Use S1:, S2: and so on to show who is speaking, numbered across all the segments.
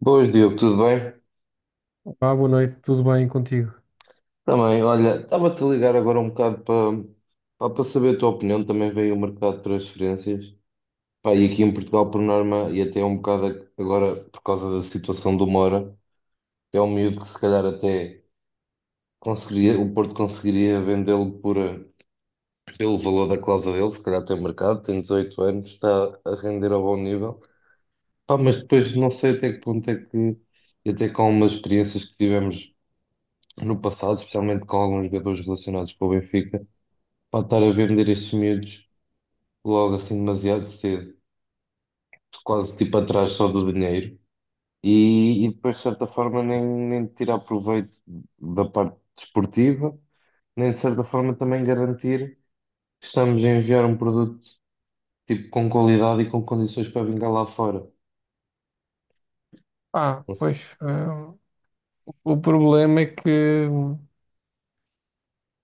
S1: Boas, Diogo, tudo bem?
S2: Boa noite, tudo bem contigo?
S1: Também, olha, estava-te a ligar agora um bocado para para saber a tua opinião. Também veio o mercado de transferências. Pá, e aqui em Portugal, por norma, e até um bocado agora por causa da situação do Moura é um miúdo que se calhar até conseguiria, o Porto conseguiria vendê-lo por, pelo valor da cláusula dele. Se calhar tem mercado, tem 18 anos, está a render a bom nível. Pá, mas depois não sei até que ponto é que, e até com umas experiências que tivemos no passado, especialmente com alguns jogadores relacionados com o Benfica, para estar a vender estes miúdos logo assim demasiado cedo, quase tipo atrás só do dinheiro, e depois de certa forma nem tirar proveito da parte desportiva, nem de certa forma também garantir que estamos a enviar um produto tipo com qualidade e com condições para vingar lá fora.
S2: Ah,
S1: Não sei.
S2: pois, eh, o problema é que, o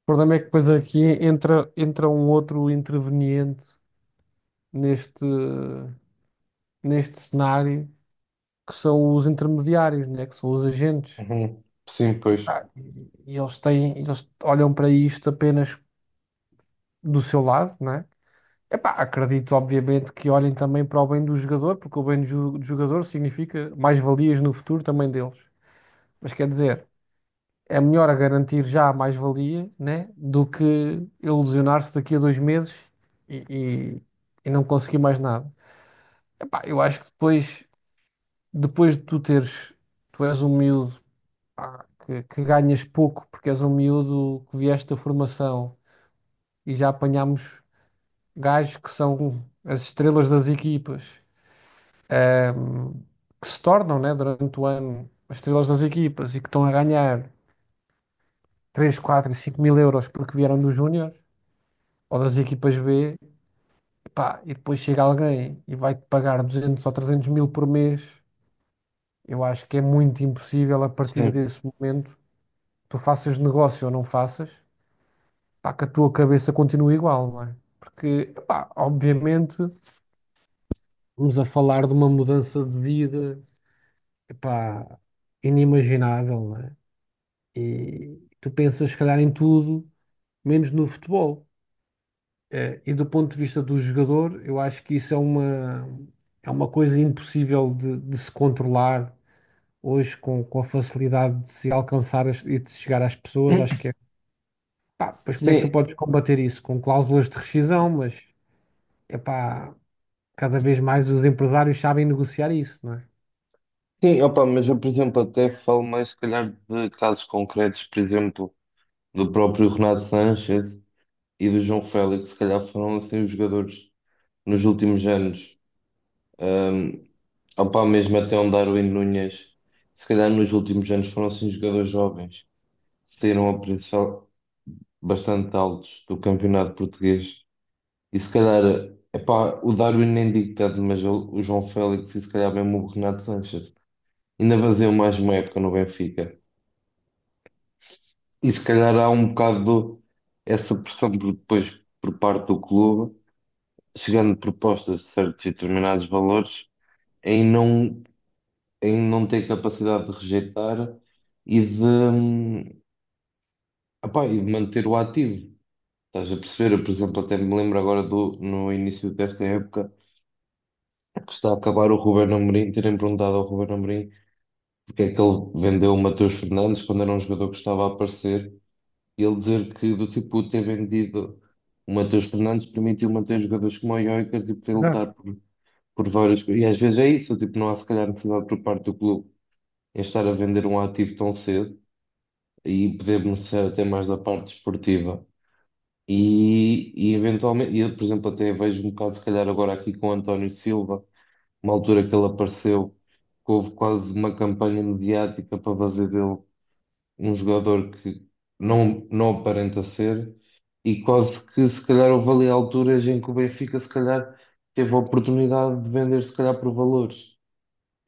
S2: problema é que depois aqui entra um outro interveniente neste, neste cenário, que são os intermediários, né? Que são os agentes.
S1: Uhum. Sim, pois.
S2: Eles têm, eles olham para isto apenas do seu lado, né? Epá, acredito, obviamente, que olhem também para o bem do jogador, porque o bem do do jogador significa mais-valias no futuro também deles. Mas quer dizer, é melhor a garantir já a mais-valia, né? Do que ilusionar-se daqui a dois meses e, e- e não conseguir mais nada. Epá, eu acho que depois de tu teres, tu és um miúdo, pá, que ganhas pouco porque és um miúdo que vieste da formação e já apanhámos gajos que são as estrelas das equipas, ehm, que se tornam, né, durante o ano as estrelas das equipas e que estão a ganhar 3, 4 e 5 mil euros porque vieram dos Júnior ou das equipas B, pá, e depois chega alguém e vai-te pagar 200 ou 300 mil por mês. Eu acho que é muito impossível a partir
S1: Sim.
S2: desse momento, tu faças negócio ou não faças, pá, que a tua cabeça continue igual, não é? Porque, pá, obviamente, vamos a falar de uma mudança de vida, pá, inimaginável, não é? E tu pensas, se calhar, em tudo, menos no futebol. E do ponto de vista do jogador, eu acho que isso é uma coisa impossível de se controlar hoje com a facilidade de se alcançar e de se chegar às pessoas. Acho que é, pá, pois como é que tu
S1: Sim,
S2: podes combater isso? Com cláusulas de rescisão, mas é pá, cada vez mais os empresários sabem negociar isso, não é?
S1: sim, opa, mas eu, por exemplo, até falo mais, se calhar, de casos concretos, por exemplo, do próprio Renato Sanches e do João Félix, se calhar foram assim os jogadores nos últimos anos. Um, opá, mesmo até um Darwin Núñez, se calhar nos últimos anos foram assim jogadores jovens, que saíram a preços al- bastante altos do campeonato português. E se calhar, epá, o Darwin nem digo tanto, mas o João Félix e se calhar mesmo o Renato Sanches ainda faziam mais uma época no Benfica. E se calhar há um bocado essa depois por parte do clube chegando propostas de certos e determinados valores, é em não, é em não ter capacidade de rejeitar e de, epá, e de manter o ativo. Estás a perceber? Eu, por exemplo, até me lembro agora no início desta época que está a acabar o Ruben Amorim, terem perguntado ao Ruben Amorim porque é que ele vendeu o Matheus Fernandes quando era um jogador que estava a aparecer, e ele dizer que do tipo ter vendido o Matheus Fernandes permitiu manter jogadores como o Jokers e poder
S2: Exato.
S1: lutar por várias coisas. E às vezes é isso, tipo, não há se calhar necessidade por parte do clube em estar a vender um ativo tão cedo e poder beneficiar até mais da parte desportiva. E eventualmente, e eu, por exemplo, até vejo um bocado, se calhar, agora aqui com o António Silva, uma altura que ele apareceu, que houve quase uma campanha mediática para fazer dele um jogador que não aparenta ser, e quase que, se calhar, houve ali alturas em que o Benfica, se calhar, teve a oportunidade de vender, se calhar, por valores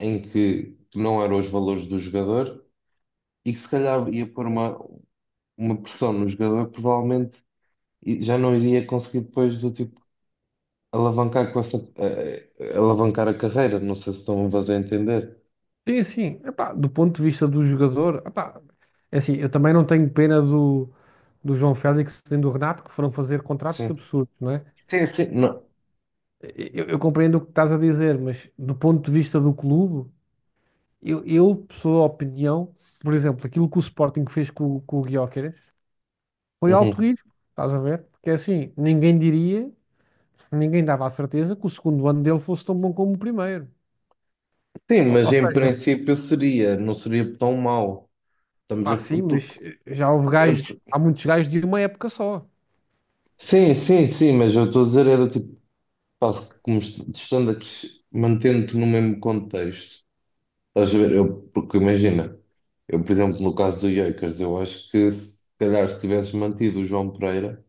S1: em que não eram os valores do jogador e que se calhar ia pôr uma pressão no jogador, provavelmente e já não iria conseguir depois do tipo alavancar com essa eh, eh, alavancar a carreira. Não sei se estão a fazer entender.
S2: Sim, sim. Epá, do ponto de vista do jogador, epá, é assim, eu também não tenho pena do, do João Félix e do Renato que foram fazer contratos
S1: Sim,
S2: absurdos, não é?
S1: sim, sim, não.
S2: Eu compreendo o que estás a dizer, mas do ponto de vista do clube, eu pessoa opinião, por exemplo, aquilo que o Sporting fez com o Gyökeres foi alto
S1: Uhum.
S2: risco, estás a ver? Porque é assim, ninguém diria, ninguém dava a certeza que o segundo ano dele fosse tão bom como o primeiro.
S1: Sim,
S2: Ou,
S1: mas
S2: ou
S1: em
S2: seja,
S1: princípio seria, não seria tão mau. Estamos a,
S2: pá,
S1: f-
S2: sim,
S1: porque,
S2: mas já houve
S1: é
S2: gajos, há
S1: por-
S2: muitos gajos de uma época só.
S1: Sim, sim, sim, mas eu estou a dizer era tipo, pá, estando aqui, mantendo-te no mesmo contexto. Estás a ver? Eu, porque imagina, eu, por exemplo, no caso do Jokers, eu acho que se calhar se tivesse mantido o João Pereira,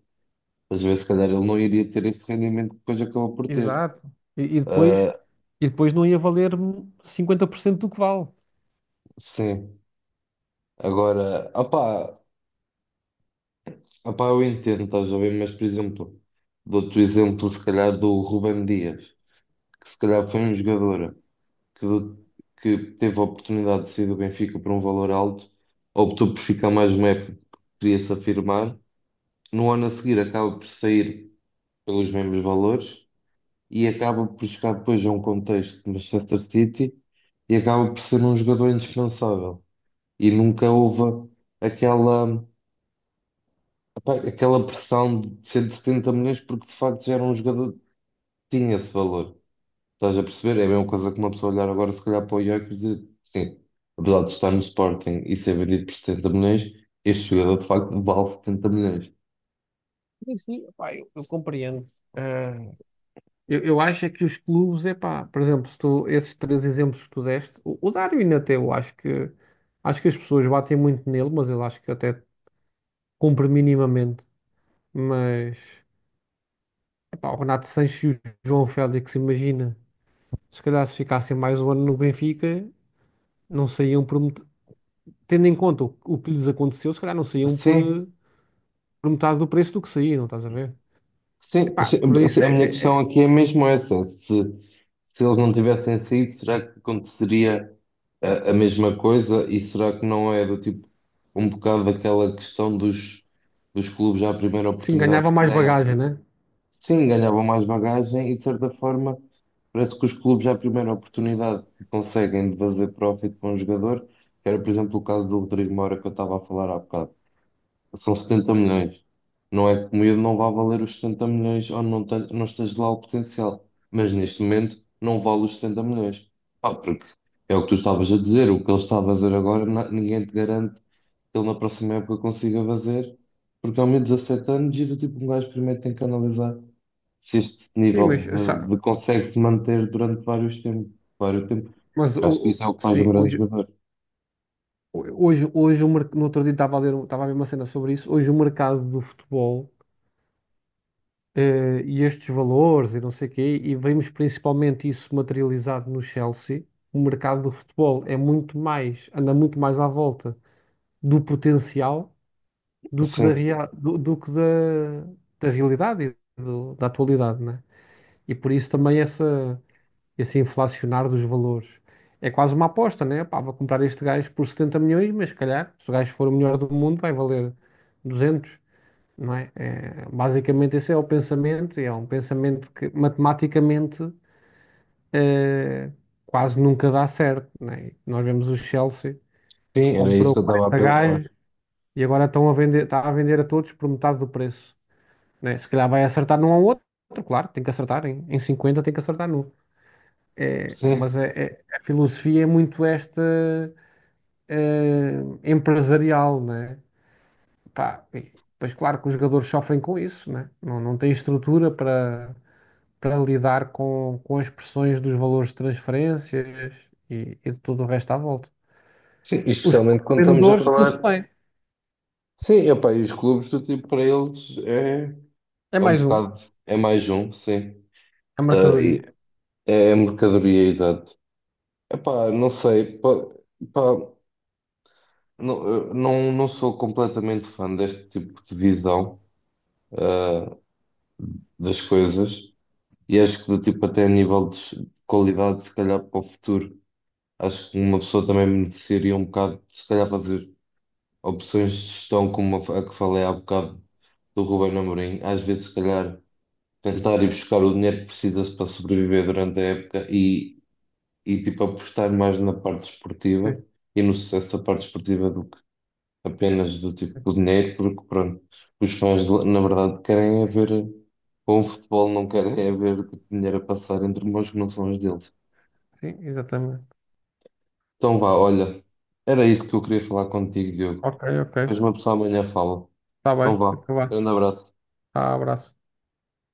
S1: às vezes se calhar ele não iria ter esse rendimento que depois acabou por ter.
S2: Exato. E, e depois,
S1: Ah,
S2: e depois não ia valer 50% do que vale.
S1: sim. Agora, opá, eu entendo, estás a ver? Mas, por exemplo, dou-te o exemplo, se calhar, do Ruben Dias, que se calhar foi um jogador que, do- que teve a oportunidade de sair do Benfica por um valor alto, optou por ficar mais uma época porque queria se afirmar. No ano a seguir acaba por sair pelos mesmos valores e acaba por chegar depois a um contexto de Manchester City e acaba por ser um jogador indispensável. E nunca houve aquela, epá, aquela pressão de 170 milhões porque de facto já era um jogador que tinha esse valor. Estás a perceber? É a mesma coisa que uma pessoa olhar agora se calhar para o Gyökeres e dizer, sim, apesar de estar no Sporting e ser vendido por 70 milhões, este jogador de facto vale 70 milhões.
S2: Sim, sim, pá, eu compreendo. Eu acho é que os clubes, epá, por exemplo, se esses três exemplos que tu deste, o Darwin até eu acho que as pessoas batem muito nele, mas eu acho que até cumpre minimamente. Mas epá, o Renato Sanches e o João Félix, imagina, se calhar se ficassem mais um ano no Benfica, não saíam por tendo em conta o que lhes aconteceu, se calhar não saíam por,
S1: Sim,
S2: por metade do preço do que saíram, estás a ver?
S1: Sim,
S2: Epá, por isso
S1: a minha questão aqui é mesmo essa. Se eles não tivessem saído, será que aconteceria a mesma coisa? E será que não é do tipo um bocado daquela questão dos clubes à primeira
S2: sim,
S1: oportunidade
S2: ganhava
S1: que
S2: mais
S1: têm?
S2: bagagem, né?
S1: Sim, ganhavam mais bagagem e de certa forma parece que os clubes à primeira oportunidade que conseguem de fazer profit com o jogador, que era por exemplo o caso do Rodrigo Moura que eu estava a falar há bocado. São 70 milhões. Não é que o miúdo não vá valer os 70 milhões ou não, não esteja lá o potencial. Mas neste momento não vale os 70 milhões. Ah, porque é o que tu estavas a dizer, o que ele está a fazer agora, ninguém te garante que ele na próxima época consiga fazer, porque ao de 17 anos e do tipo um gajo primeiro tem que analisar se este
S2: Sim, mas,
S1: nível
S2: sa-
S1: de consegue se manter durante vários tempos, vários tempos.
S2: mas o,
S1: Acho que
S2: o-
S1: isso é o que faz um
S2: sim,
S1: grande
S2: hoje,
S1: jogador.
S2: Hoje, hoje o no outro dia estava a ler, estava a ver uma cena sobre isso. Hoje o mercado do futebol e estes valores e não sei o quê, e vemos principalmente isso materializado no Chelsea. O mercado do futebol é muito mais, anda muito mais à volta do potencial do que
S1: Sim,
S2: da realidade e da atualidade, né? E por isso também essa. Esse inflacionar dos valores. É quase uma aposta, né? Pá, vou comprar este gajo por 70 milhões, mas se calhar, se o gajo for o melhor do mundo, vai valer 200, não é? É, basicamente, esse é o pensamento, e é um pensamento que matematicamente eh, quase nunca dá certo, né? E nós vemos o Chelsea, que
S1: sim, era isso
S2: comprou
S1: que eu estava a
S2: 40
S1: pensar.
S2: gajos e agora está a vender a todos por metade do preço, né? Se calhar vai acertar num ao outro, claro, tem que acertar, em 50 tem que acertar num. É,
S1: Sim.
S2: mas a filosofia é muito esta eh, empresarial, né? Pá, e pois claro que os jogadores sofrem com isso, né? Não têm estrutura para, para lidar com as pressões dos valores de transferências e de tudo o resto à volta.
S1: Sim,
S2: Os
S1: especialmente quando estamos a
S2: vendedores estão-se
S1: falar.
S2: bem.
S1: Sim, epá, e os clubes do tipo para eles é,
S2: É
S1: é um
S2: mais um,
S1: bocado, é mais um, sim.
S2: a
S1: Tá, e
S2: mercadoria.
S1: é, é mercadoria, exato. Epá, não sei, pá, não, eu não, não sou completamente fã deste tipo de visão, ah, das coisas e acho que do tipo até a nível de qualidade, se calhar para o futuro, acho que uma pessoa também mereceria um bocado, se calhar fazer opções de gestão como a que falei há bocado do Ruben Amorim. Às vezes, se calhar, tentar ir buscar o dinheiro que precisa-se para sobreviver durante a época e tipo, apostar mais na parte esportiva
S2: Sim,
S1: e no sucesso da parte esportiva do que apenas do tipo do dinheiro, porque pronto, os fãs, na verdade, querem é ver bom futebol, não querem é ver tipo, dinheiro a passar entre mãos que não são as deles.
S2: sim, exatamente.
S1: Então vá, olha, era isso que eu queria falar contigo, Diogo.
S2: Ok, ok.
S1: Depois uma pessoa amanhã fala.
S2: Está
S1: Então
S2: bem,
S1: vá,
S2: então vá.
S1: grande abraço.
S2: Ah, abraço.